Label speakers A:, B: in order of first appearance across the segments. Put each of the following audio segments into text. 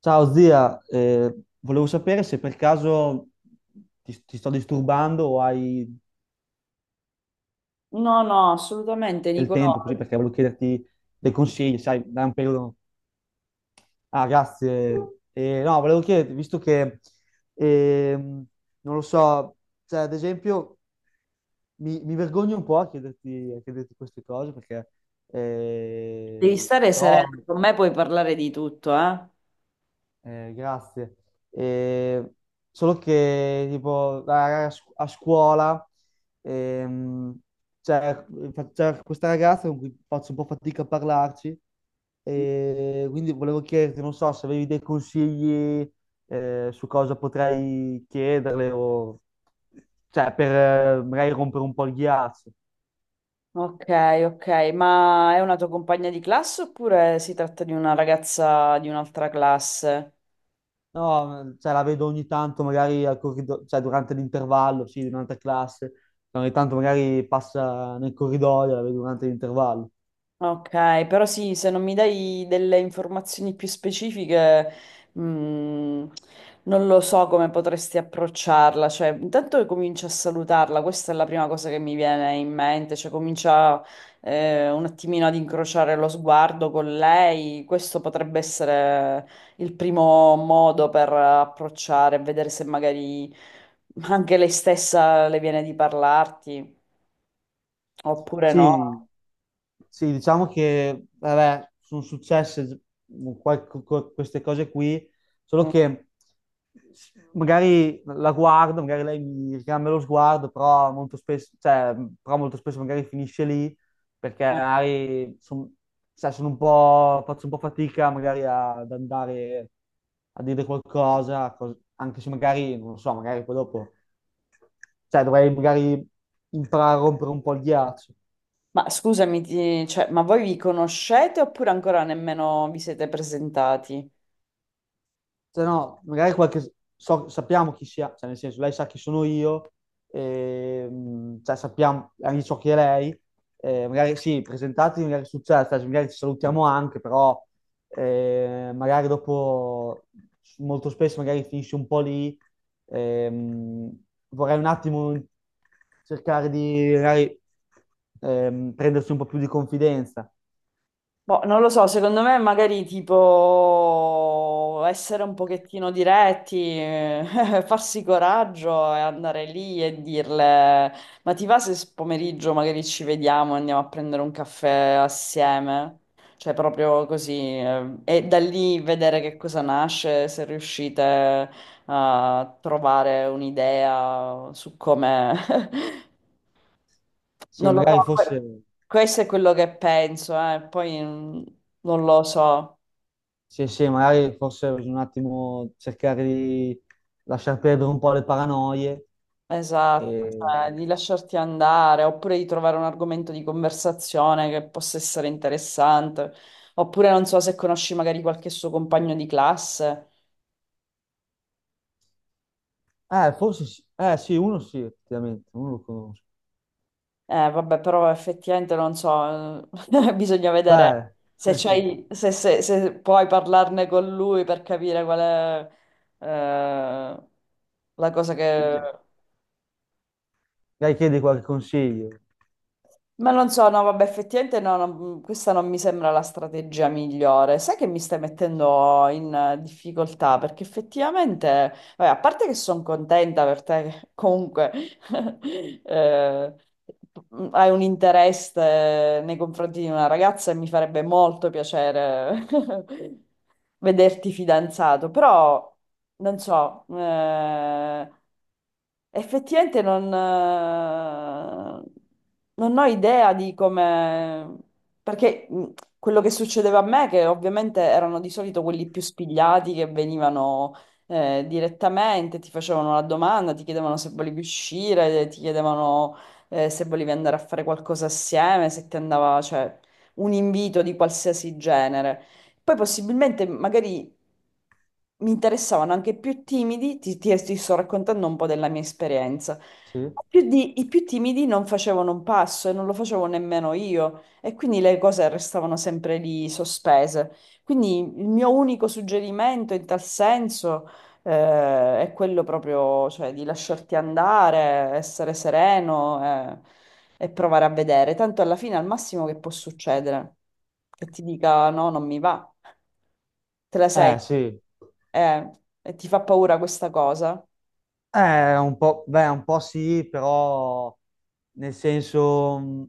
A: Ciao zia, volevo sapere se per caso ti sto disturbando o hai
B: No, no, assolutamente,
A: del tempo
B: Nicolò.
A: così perché volevo chiederti dei consigli, sai, da un periodo... Ah, grazie. No, volevo chiederti, visto che, ehm, non lo so, cioè ad esempio mi vergogno un po' a chiederti queste cose perché,
B: Devi
A: eh,
B: stare
A: però.
B: sereno, con me puoi parlare di tutto, eh?
A: Grazie. Eh, solo che tipo a scuola, ehm, c'è c'è questa ragazza con cui faccio un po' fatica a parlarci, e quindi volevo chiederti, non so, se avevi dei consigli su cosa potrei chiederle o cioè per magari rompere un po' il ghiaccio.
B: Ok, ok, ma è una tua compagna di classe oppure si tratta di una ragazza di un'altra classe?
A: No, cioè, la vedo ogni tanto magari al cioè, durante l'intervallo, sì, durante classe, cioè, ogni tanto magari passa nel corridoio, la vedo durante l'intervallo.
B: Ok, però sì, se non mi dai delle informazioni più specifiche, mm, non lo so come potresti approcciarla. Cioè, intanto comincia a salutarla, questa è la prima cosa che mi viene in mente, cioè comincia un attimino ad incrociare lo sguardo con lei. Questo potrebbe essere il primo modo per approcciare, vedere se magari anche lei stessa le viene di parlarti, oppure no.
A: Sì, sì, diciamo che vabbè, sono successe queste cose qui, solo
B: Mm,
A: che magari la guardo, magari lei mi ricambia lo sguardo, però molto spesso, cioè, però molto spesso magari finisce lì perché
B: eh.
A: cioè, sono un po', faccio un po' fatica magari ad andare a dire qualcosa, anche se magari, non lo so, magari poi dopo, cioè dovrei magari imparare a rompere un po' il ghiaccio.
B: Ma scusami, cioè, ma voi vi conoscete oppure ancora nemmeno vi siete presentati?
A: Cioè, no, magari qualche... sappiamo chi sia, cioè nel senso, lei sa chi sono io, cioè sappiamo anche ciò che è lei, magari sì, presentatevi, magari succede, cioè, magari ci salutiamo anche, però magari dopo, molto spesso magari finisce un po' lì, ehm, vorrei un attimo cercare di magari prendersi un po' più di confidenza.
B: Boh, non lo so, secondo me magari tipo essere un pochettino diretti, farsi coraggio e andare lì e dirle, ma ti va se pomeriggio magari ci vediamo e andiamo a prendere un caffè assieme? Cioè proprio così, e da lì vedere che cosa nasce, se riuscite a trovare un'idea su come
A: Sì,
B: Non lo so,
A: magari forse...
B: questo è quello che penso, poi non lo so,
A: Sì, sì, magari forse bisogna un attimo cercare di lasciar perdere un po' le paranoie.
B: esatto, cioè,
A: E...
B: di lasciarti andare, oppure di trovare un argomento di conversazione che possa essere interessante, oppure non so se conosci magari qualche suo compagno di classe.
A: Forse sì. Sì, uno sì, effettivamente, uno lo conosco.
B: Vabbè, però effettivamente non so, bisogna vedere
A: Beh,
B: se,
A: sì.
B: se puoi parlarne con lui per capire qual è eh, la cosa
A: Sì,
B: che...
A: magari chiedi qualche consiglio.
B: Ma non so, no, vabbè, effettivamente no, questa non mi sembra la strategia migliore. Sai che mi stai mettendo in difficoltà? Perché effettivamente, vabbè, a parte che sono contenta per te, che comunque eh, hai un interesse nei confronti di una ragazza e mi farebbe molto piacere vederti fidanzato, però non so. Effettivamente non, non ho idea di come... Perché quello che succedeva a me, che ovviamente erano di solito quelli più spigliati che venivano direttamente, ti facevano la domanda, ti chiedevano se volevi uscire, ti chiedevano se volevi andare a fare qualcosa assieme, se ti andava, cioè, un invito di qualsiasi genere. Poi possibilmente magari mi interessavano anche più timidi, ti sto raccontando un po' della mia esperienza.
A: Sì?
B: Ma i più timidi non facevano un passo e non lo facevo nemmeno io, e quindi le cose restavano sempre lì sospese. Quindi il mio unico suggerimento in tal senso è quello proprio, cioè, di lasciarti andare, essere sereno, e provare a vedere. Tanto alla fine, al massimo che può succedere, che ti dica no, non mi va, te la sei,
A: Sì.
B: eh, e ti fa paura questa cosa.
A: Un po', beh, un po' sì, però nel senso,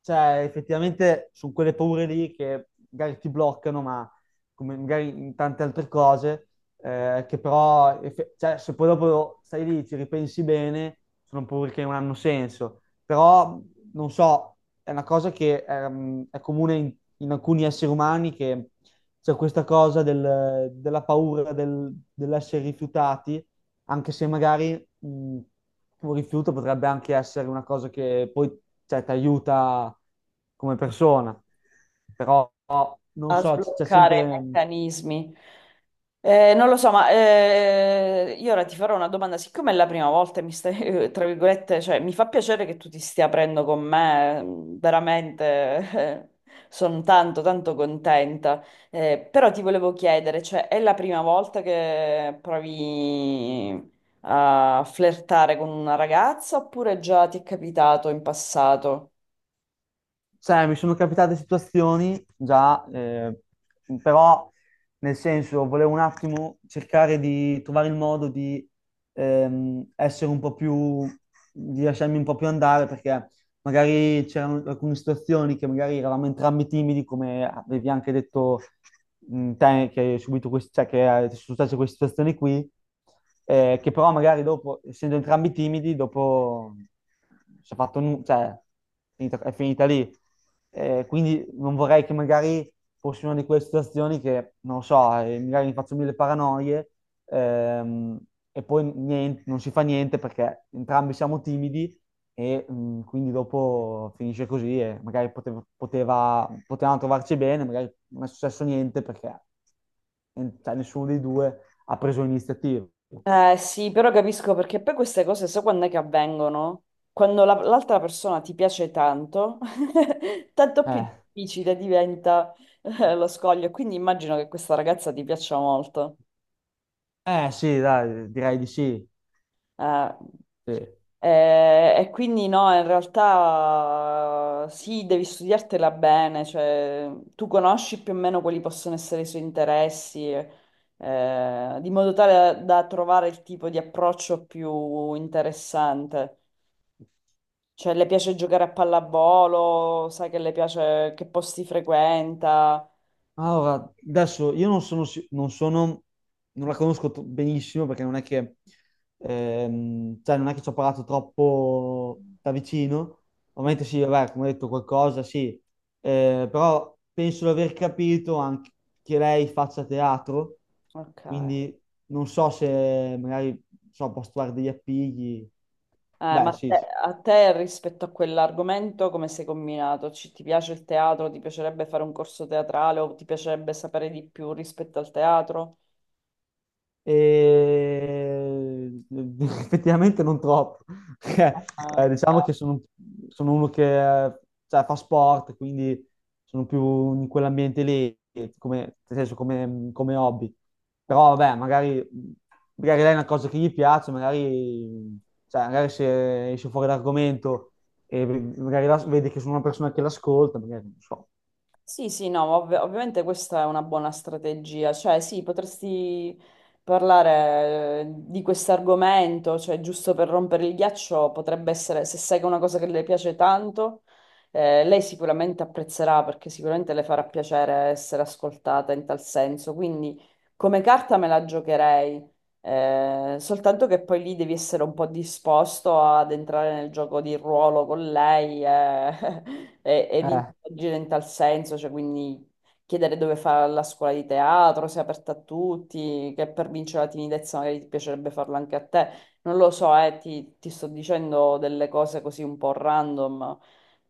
A: cioè, effettivamente sono quelle paure lì che magari ti bloccano, ma come magari in tante altre cose, che però, cioè, se poi dopo stai lì, ci ripensi bene, sono paure che non hanno senso. Però, non so, è una cosa che è comune in, in alcuni esseri umani che c'è questa cosa della paura dell'essere rifiutati, anche se magari mh, un rifiuto potrebbe anche essere una cosa che poi cioè, ti aiuta come persona. Però non
B: A
A: so, c'è
B: sbloccare i
A: sempre,
B: meccanismi. Non lo so, ma io ora ti farò una domanda. Siccome è la prima volta e mi stai, tra virgolette, cioè, mi fa piacere che tu ti stia aprendo con me, mm, veramente, sono tanto, tanto contenta. Però ti volevo chiedere, cioè, è la prima volta che provi a flirtare con una ragazza oppure già ti è capitato in passato?
A: cioè, mi sono capitate situazioni già, però nel senso volevo un attimo cercare di trovare il modo di essere un po' più, di lasciarmi un po' più andare, perché magari c'erano alcune situazioni che magari eravamo entrambi timidi, come avevi anche detto te, che hai subito cioè, che ti sono successe queste situazioni qui, che però magari dopo, essendo entrambi timidi, dopo si è fatto cioè, è finita lì. Quindi non vorrei che magari fosse una di quelle situazioni che, non lo so, magari mi faccio mille paranoie, ehm, e poi non si fa niente perché entrambi siamo timidi e quindi dopo finisce così e magari potevano trovarci bene, magari non è successo niente perché cioè, nessuno dei due ha preso l'iniziativa.
B: Eh sì, però capisco perché poi queste cose, so quando è che avvengono? Quando l'altra persona ti piace tanto, tanto più
A: Eh,
B: difficile diventa lo scoglio. Quindi immagino che questa ragazza ti piaccia molto.
A: sì, dai, direi di sì.
B: Eh,
A: Sì.
B: Eh, e quindi no, in realtà sì, devi studiartela bene, cioè tu conosci più o meno quali possono essere i suoi interessi, di modo tale da trovare il tipo di approccio più interessante. Cioè, le piace giocare a pallavolo, sai che le piace, che posti frequenta.
A: Allora, adesso io non sono, si- non sono, non la conosco benissimo, perché non è che, cioè non è che ci ho parlato troppo da vicino.
B: Mm,
A: Ovviamente sì, vabbè, come ho detto qualcosa, sì. Però penso di aver capito anche che lei faccia teatro,
B: ok.
A: quindi non so se magari, non so, posso trovare degli appigli.
B: Ma
A: Beh, sì, sì.
B: a te rispetto a quell'argomento come sei combinato? Ti piace il teatro? Ti piacerebbe fare un corso teatrale o ti piacerebbe sapere di più rispetto al teatro?
A: E effettivamente non troppo, perché diciamo
B: Eh,
A: che sono, sono uno che cioè, fa sport, quindi sono più in quell'ambiente lì, come, nel senso, come, come hobby.
B: eh,
A: Però vabbè, magari, magari lei è una cosa che gli piace, magari, cioè, magari se esce fuori l'argomento e magari vede che sono una persona che l'ascolta, magari non so.
B: Sì, sì, no, ma ovviamente questa è una buona strategia, cioè sì, potresti parlare di questo argomento, cioè giusto per rompere il ghiaccio potrebbe essere, se sai che è una cosa che le piace tanto, lei sicuramente apprezzerà perché sicuramente le farà piacere essere ascoltata in tal senso, quindi come carta me la giocherei. Soltanto che poi lì devi essere un po' disposto ad entrare nel gioco di ruolo con lei ed
A: Eh,
B: interagire in tal senso, cioè quindi chiedere dove fa la scuola di teatro, se è aperta a tutti, che per vincere la timidezza magari ti piacerebbe farlo anche a te. Non lo so, ti sto dicendo delle cose così un po' random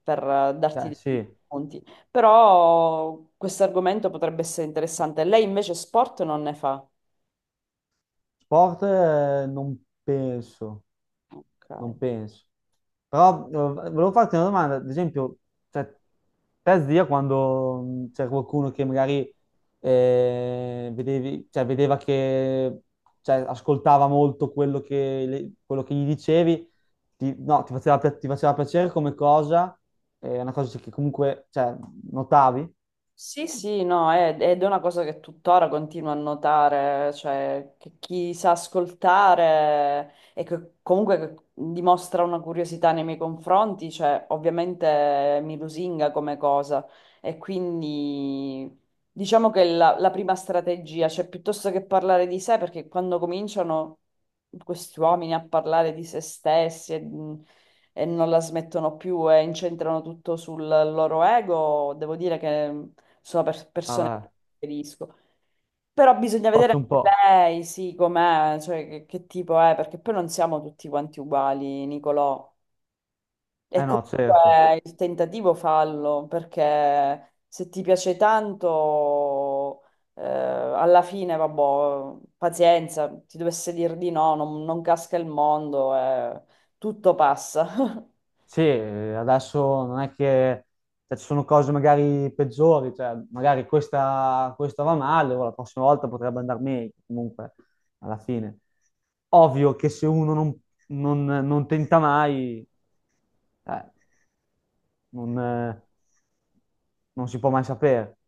B: per darti
A: cioè,
B: dei
A: sì,
B: punti. Però questo argomento potrebbe essere interessante. Lei invece sport non ne fa.
A: sport non penso.
B: Ok.
A: Non penso. Però volevo farti una domanda, ad esempio, cioè, te zia quando c'era qualcuno che magari vedevi, cioè, vedeva che cioè, ascoltava molto quello che, quello che gli dicevi, ti, no, ti faceva, pi- ti faceva piacere come cosa, è una cosa che comunque cioè, notavi?
B: Sì, sì, no, ed è una cosa che tuttora continuo a notare, cioè che chi sa ascoltare e che comunque che dimostra una curiosità nei miei confronti, cioè ovviamente mi lusinga come cosa e quindi diciamo che la prima strategia, cioè piuttosto che parlare di sé, perché quando cominciano questi uomini a parlare di se stessi e, mhmm, e non la smettono più e incentrano tutto sul loro ego, devo dire che sono persone che
A: Vabbè,
B: preferisco. Però bisogna vedere
A: faccio un
B: anche
A: po'.
B: lei, sì, com'è, cioè che tipo è, perché poi non siamo tutti quanti uguali, Nicolò. E
A: Eh no, certo.
B: comunque il tentativo fallo, perché se ti piace tanto, alla fine, vabbè, pazienza, ti dovesse dire di no, non, non casca il mondo, tutto passa.
A: Sì, adesso non è che cioè, ci sono cose magari peggiori, cioè, magari questa, questa va male, o la prossima volta potrebbe andare meglio, comunque, alla fine. Ovvio che se uno non, non tenta mai, eh, non, non si può mai sapere.